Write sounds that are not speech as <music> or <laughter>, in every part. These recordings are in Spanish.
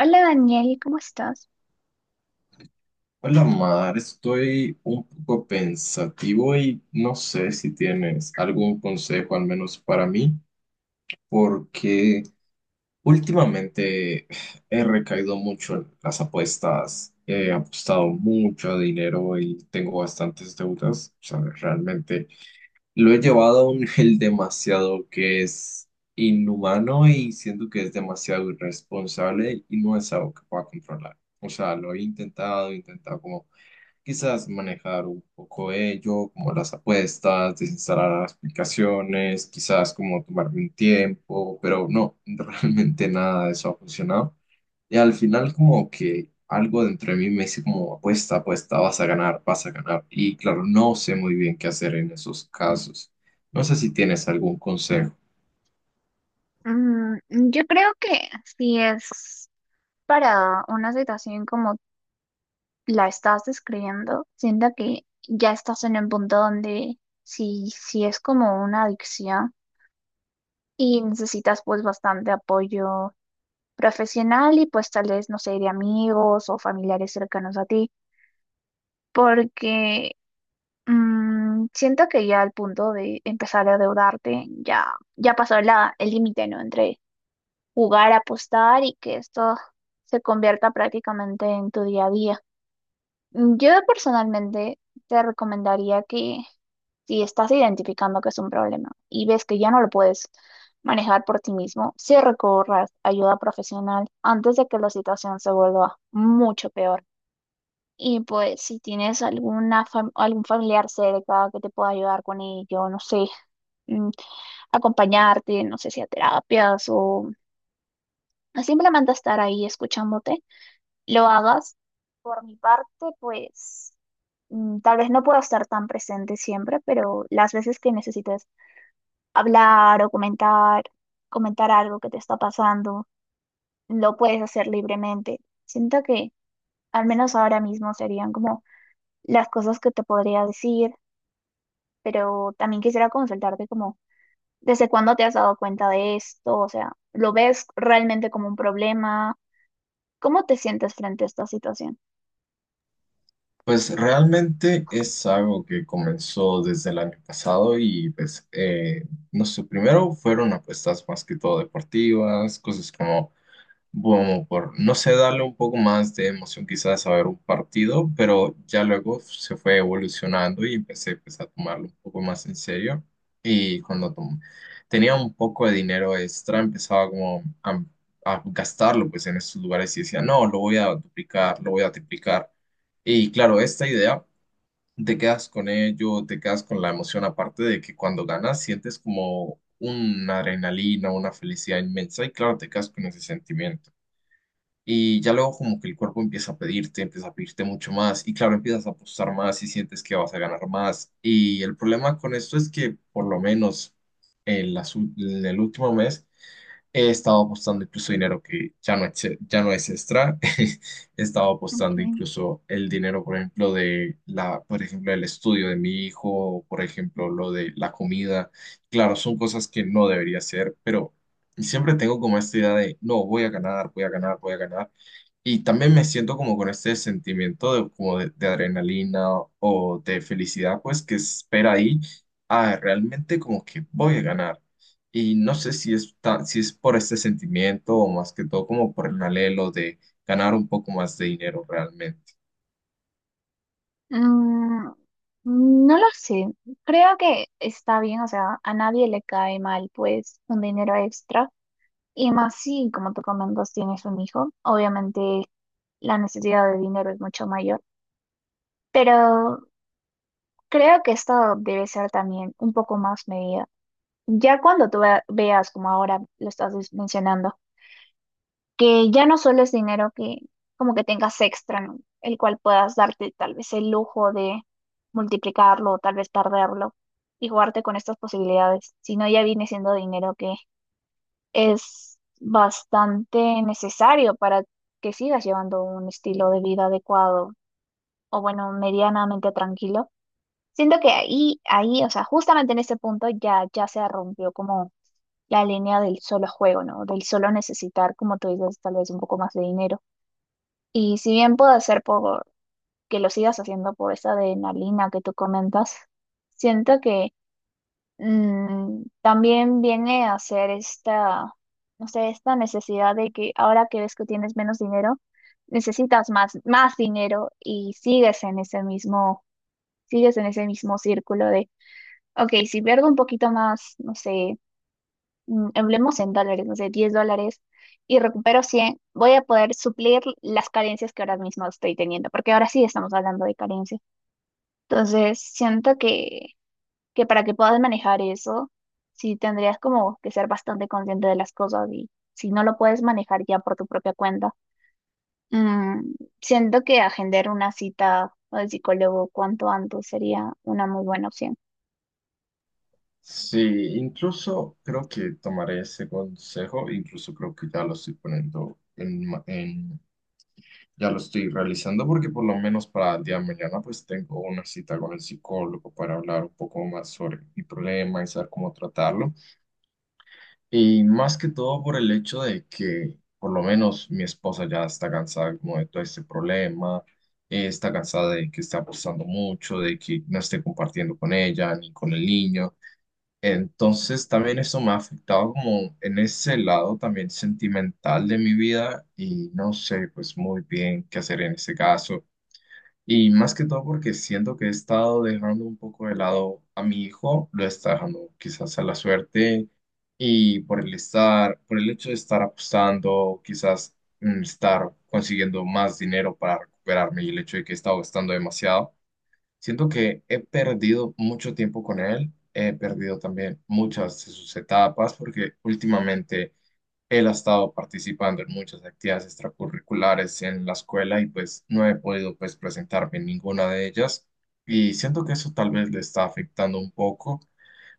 Hola Daniel, ¿cómo estás? Hola, Mar, estoy un poco pensativo y no sé si tienes algún consejo, al menos para mí, porque últimamente he recaído mucho en las apuestas, he apostado mucho dinero y tengo bastantes deudas. O sea, realmente lo he llevado a un nivel demasiado que es inhumano, y siento que es demasiado irresponsable y no es algo que pueda controlar. O sea, lo he intentado como quizás manejar un poco ello, como las apuestas, desinstalar las aplicaciones, quizás como tomarme un tiempo, pero no, <laughs> realmente nada de eso ha funcionado. Y al final como que algo dentro de mí me dice como apuesta, apuesta, vas a ganar, vas a ganar. Y claro, no sé muy bien qué hacer en esos casos. No sé si tienes algún consejo. Yo creo que si es para una situación como la estás describiendo, siento que ya estás en un punto donde si es como una adicción y necesitas pues bastante apoyo profesional y pues tal vez, no sé, de amigos o familiares cercanos a ti, porque mm, siento que ya al punto de empezar a endeudarte ya pasó el límite, ¿no? Entre jugar, apostar y que esto se convierta prácticamente en tu día a día. Yo personalmente te recomendaría que si estás identificando que es un problema y ves que ya no lo puedes manejar por ti mismo, sí recorras ayuda profesional antes de que la situación se vuelva mucho peor. Y pues si tienes algún familiar cerca que te pueda ayudar con ello, no sé, mm, acompañarte, no sé si a terapias o simplemente estar ahí escuchándote, lo hagas. Por mi parte, pues tal vez no puedo estar tan presente siempre, pero las veces que necesites hablar o comentar algo que te está pasando, lo puedes hacer libremente. Siento que al menos ahora mismo serían como las cosas que te podría decir, pero también quisiera consultarte como, ¿desde cuándo te has dado cuenta de esto? O sea, ¿lo ves realmente como un problema? ¿Cómo te sientes frente a esta situación? Pues realmente es algo que comenzó desde el año pasado y pues no sé, primero fueron apuestas más que todo deportivas, cosas como bueno, por no sé, darle un poco más de emoción quizás a ver un partido. Pero ya luego se fue evolucionando y empecé pues, a tomarlo un poco más en serio. Y cuando tenía un poco de dinero extra, empezaba como a gastarlo pues en estos lugares y decía, no, lo voy a duplicar, lo voy a triplicar. Y claro, esta idea, te quedas con ello, te quedas con la emoción, aparte de que cuando ganas sientes como una adrenalina, una felicidad inmensa, y claro, te quedas con ese sentimiento. Y ya luego como que el cuerpo empieza a pedirte mucho más y claro, empiezas a apostar más y sientes que vas a ganar más. Y el problema con esto es que por lo menos en el último mes he estado apostando incluso dinero que ya no es extra. <laughs> He estado apostando Ok. incluso el dinero, por ejemplo, el estudio de mi hijo, por ejemplo, lo de la comida. Claro, son cosas que no debería hacer, pero siempre tengo como esta idea de, no, voy a ganar, voy a ganar, voy a ganar. Y también me siento como con este sentimiento de, como de adrenalina o de felicidad, pues que espera ahí a realmente como que voy a ganar. Y no sé si es por este sentimiento o más que todo como por el anhelo de ganar un poco más de dinero realmente. Mm, no lo sé. Creo que está bien, o sea, a nadie le cae mal, pues, un dinero extra. Y más si, como tú comentas, tienes un hijo. Obviamente, la necesidad de dinero es mucho mayor. Pero creo que esto debe ser también un poco más medida. Ya cuando veas, como ahora lo estás mencionando, que ya no solo es dinero que como que tengas extra, ¿no? El cual puedas darte tal vez el lujo de multiplicarlo o tal vez perderlo y jugarte con estas posibilidades, sino ya viene siendo dinero que es bastante necesario para que sigas llevando un estilo de vida adecuado o bueno, medianamente tranquilo. Siento que ahí, ahí, o sea, justamente en este punto ya se rompió como la línea del solo juego, ¿no? Del solo necesitar, como tú dices, tal vez un poco más de dinero. Y si bien puede ser por que lo sigas haciendo por esa adrenalina que tú comentas, siento que también viene a ser esta, no sé, esta necesidad de que ahora que ves que tienes menos dinero, necesitas más, más dinero y sigues en ese mismo círculo de, ok, si pierdo un poquito más, no sé, hablemos en dólares, no sé, 10 dólares y recupero 100, voy a poder suplir las carencias que ahora mismo estoy teniendo, porque ahora sí estamos hablando de carencias. Entonces, siento que para que puedas manejar eso, sí tendrías como que ser bastante consciente de las cosas y si no lo puedes manejar ya por tu propia cuenta, mm, siento que agendar una cita al psicólogo cuanto antes sería una muy buena opción. Sí, incluso creo que tomaré ese consejo, incluso creo que ya lo estoy poniendo en, ma- en- ya lo estoy realizando, porque por lo menos para el día de mañana pues tengo una cita con el psicólogo para hablar un poco más sobre mi problema y saber cómo tratarlo. Y más que todo por el hecho de que por lo menos mi esposa ya está cansada como de todo este problema, está cansada de que está apostando mucho, de que no esté compartiendo con ella ni con el niño. Entonces también eso me ha afectado como en ese lado también sentimental de mi vida, y no sé pues muy bien qué hacer en ese caso. Y más que todo porque siento que he estado dejando un poco de lado a mi hijo, lo está dejando quizás a la suerte, y por el estar, por el hecho de estar apostando, quizás estar consiguiendo más dinero para recuperarme, y el hecho de que he estado gastando demasiado. Siento que he perdido mucho tiempo con él, he perdido también muchas de sus etapas porque últimamente él ha estado participando en muchas actividades extracurriculares en la escuela y pues no he podido pues presentarme en ninguna de ellas, y siento que eso tal vez le está afectando un poco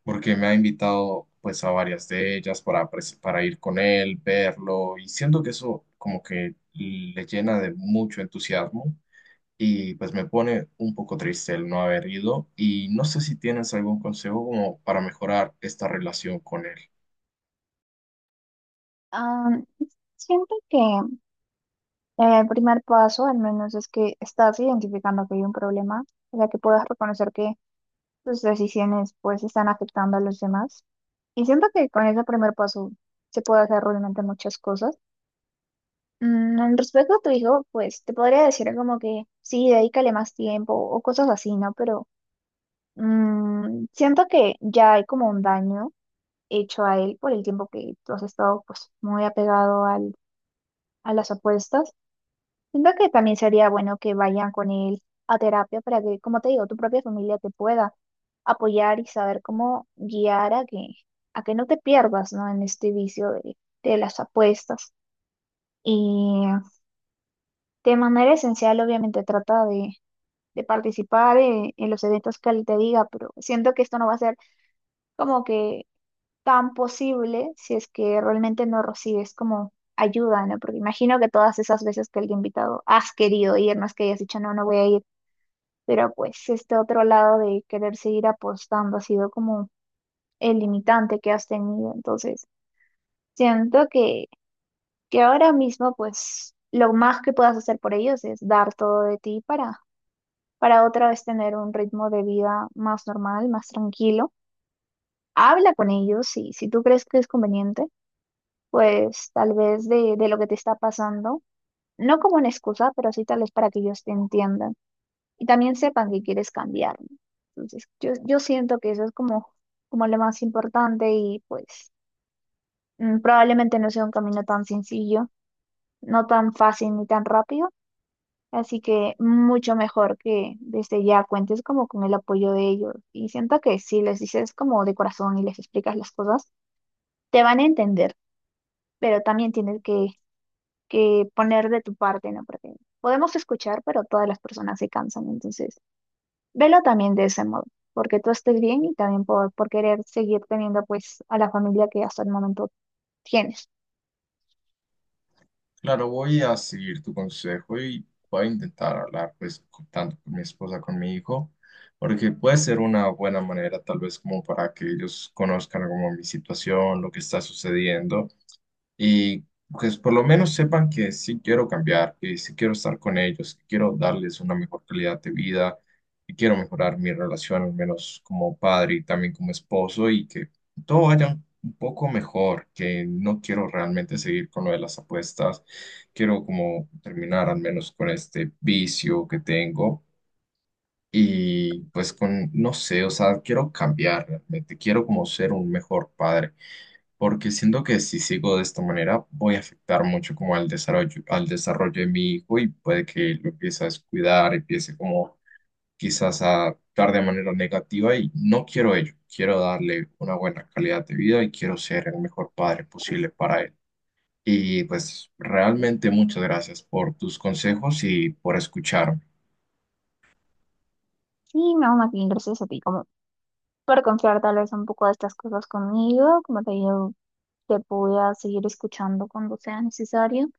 porque me ha invitado pues a varias de ellas para ir con él, verlo, y siento que eso como que le llena de mucho entusiasmo, y pues me pone un poco triste el no haber ido. Y no sé si tienes algún consejo como para mejorar esta relación con él. Ah, Siento que el primer paso, al menos, es que estás identificando que hay un problema, o sea, que puedas reconocer que tus decisiones pues están afectando a los demás. Y siento que con ese primer paso se puede hacer realmente muchas cosas. En respecto a tu hijo, pues te podría decir como que sí, dedícale más tiempo o cosas así, ¿no? Pero siento que ya hay como un daño hecho a él por el tiempo que tú has estado pues muy apegado a las apuestas. Siento que también sería bueno que vayan con él a terapia para que, como te digo, tu propia familia te pueda apoyar y saber cómo guiar a a que no te pierdas, ¿no? En este vicio de las apuestas. Y de manera esencial, obviamente, trata de participar en los eventos que él te diga, pero siento que esto no va a ser como que tan posible si es que realmente no recibes como ayuda, ¿no? Porque imagino que todas esas veces que el invitado has querido ir, no es que hayas dicho, no, no voy a ir, pero pues este otro lado de querer seguir apostando ha sido como el limitante que has tenido. Entonces, siento que ahora mismo pues lo más que puedas hacer por ellos es dar todo de ti para otra vez tener un ritmo de vida más normal, más tranquilo. Habla con ellos y si tú crees que es conveniente, pues tal vez de lo que te está pasando, no como una excusa, pero sí tal vez para que ellos te entiendan, y también sepan que quieres cambiar, ¿no? Entonces, yo siento que eso es como, como lo más importante y pues probablemente no sea un camino tan sencillo, no tan fácil ni tan rápido, así que mucho mejor que desde ya cuentes como con el apoyo de ellos y siento que si les dices como de corazón y les explicas las cosas, te van a entender, pero también tienes que poner de tu parte, ¿no? Porque podemos escuchar, pero todas las personas se cansan, entonces. Velo también de ese modo, porque tú estés bien y también por querer seguir teniendo pues a la familia que hasta el momento tienes. Claro, voy a seguir tu consejo y voy a intentar hablar pues tanto con mi esposa, con mi hijo, porque puede ser una buena manera tal vez como para que ellos conozcan como mi situación, lo que está sucediendo. Y pues por lo menos sepan que sí quiero cambiar, que sí quiero estar con ellos, que quiero darles una mejor calidad de vida, que quiero mejorar mi relación al menos como padre y también como esposo, y que todo vaya un poco mejor, que no quiero realmente seguir con lo de las apuestas, quiero como terminar al menos con este vicio que tengo. Y pues con, no sé, o sea, quiero cambiar realmente, quiero como ser un mejor padre, porque siento que si sigo de esta manera voy a afectar mucho como al desarrollo de mi hijo, y puede que lo empiece a descuidar, empiece como quizás a actuar de manera negativa, y no quiero ello, quiero darle una buena calidad de vida y quiero ser el mejor padre posible para él. Y pues realmente muchas gracias por tus consejos y por escucharme. Y no, más gracias a ti, como por confiar tal vez un poco de estas cosas conmigo, como te digo, te voy a seguir escuchando cuando sea necesario.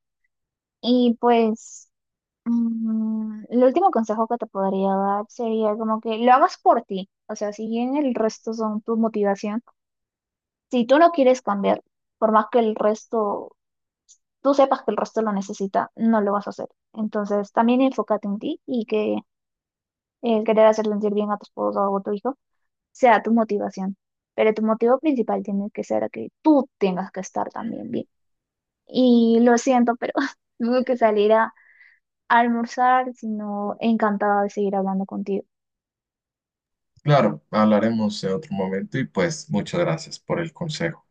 Y pues el último consejo que te podría dar sería como que lo hagas por ti. O sea, si bien el resto son tu motivación, si tú no quieres cambiar, por más que el resto tú sepas que el resto lo necesita, no lo vas a hacer. Entonces, también enfócate en ti y que el querer hacer sentir bien a tu esposo o a tu hijo sea tu motivación. Pero tu motivo principal tiene que ser que tú tengas que estar también bien. Y lo siento, pero <laughs> tengo que salir a almorzar, sino encantada de seguir hablando contigo. Claro, hablaremos en otro momento y pues muchas gracias por el consejo.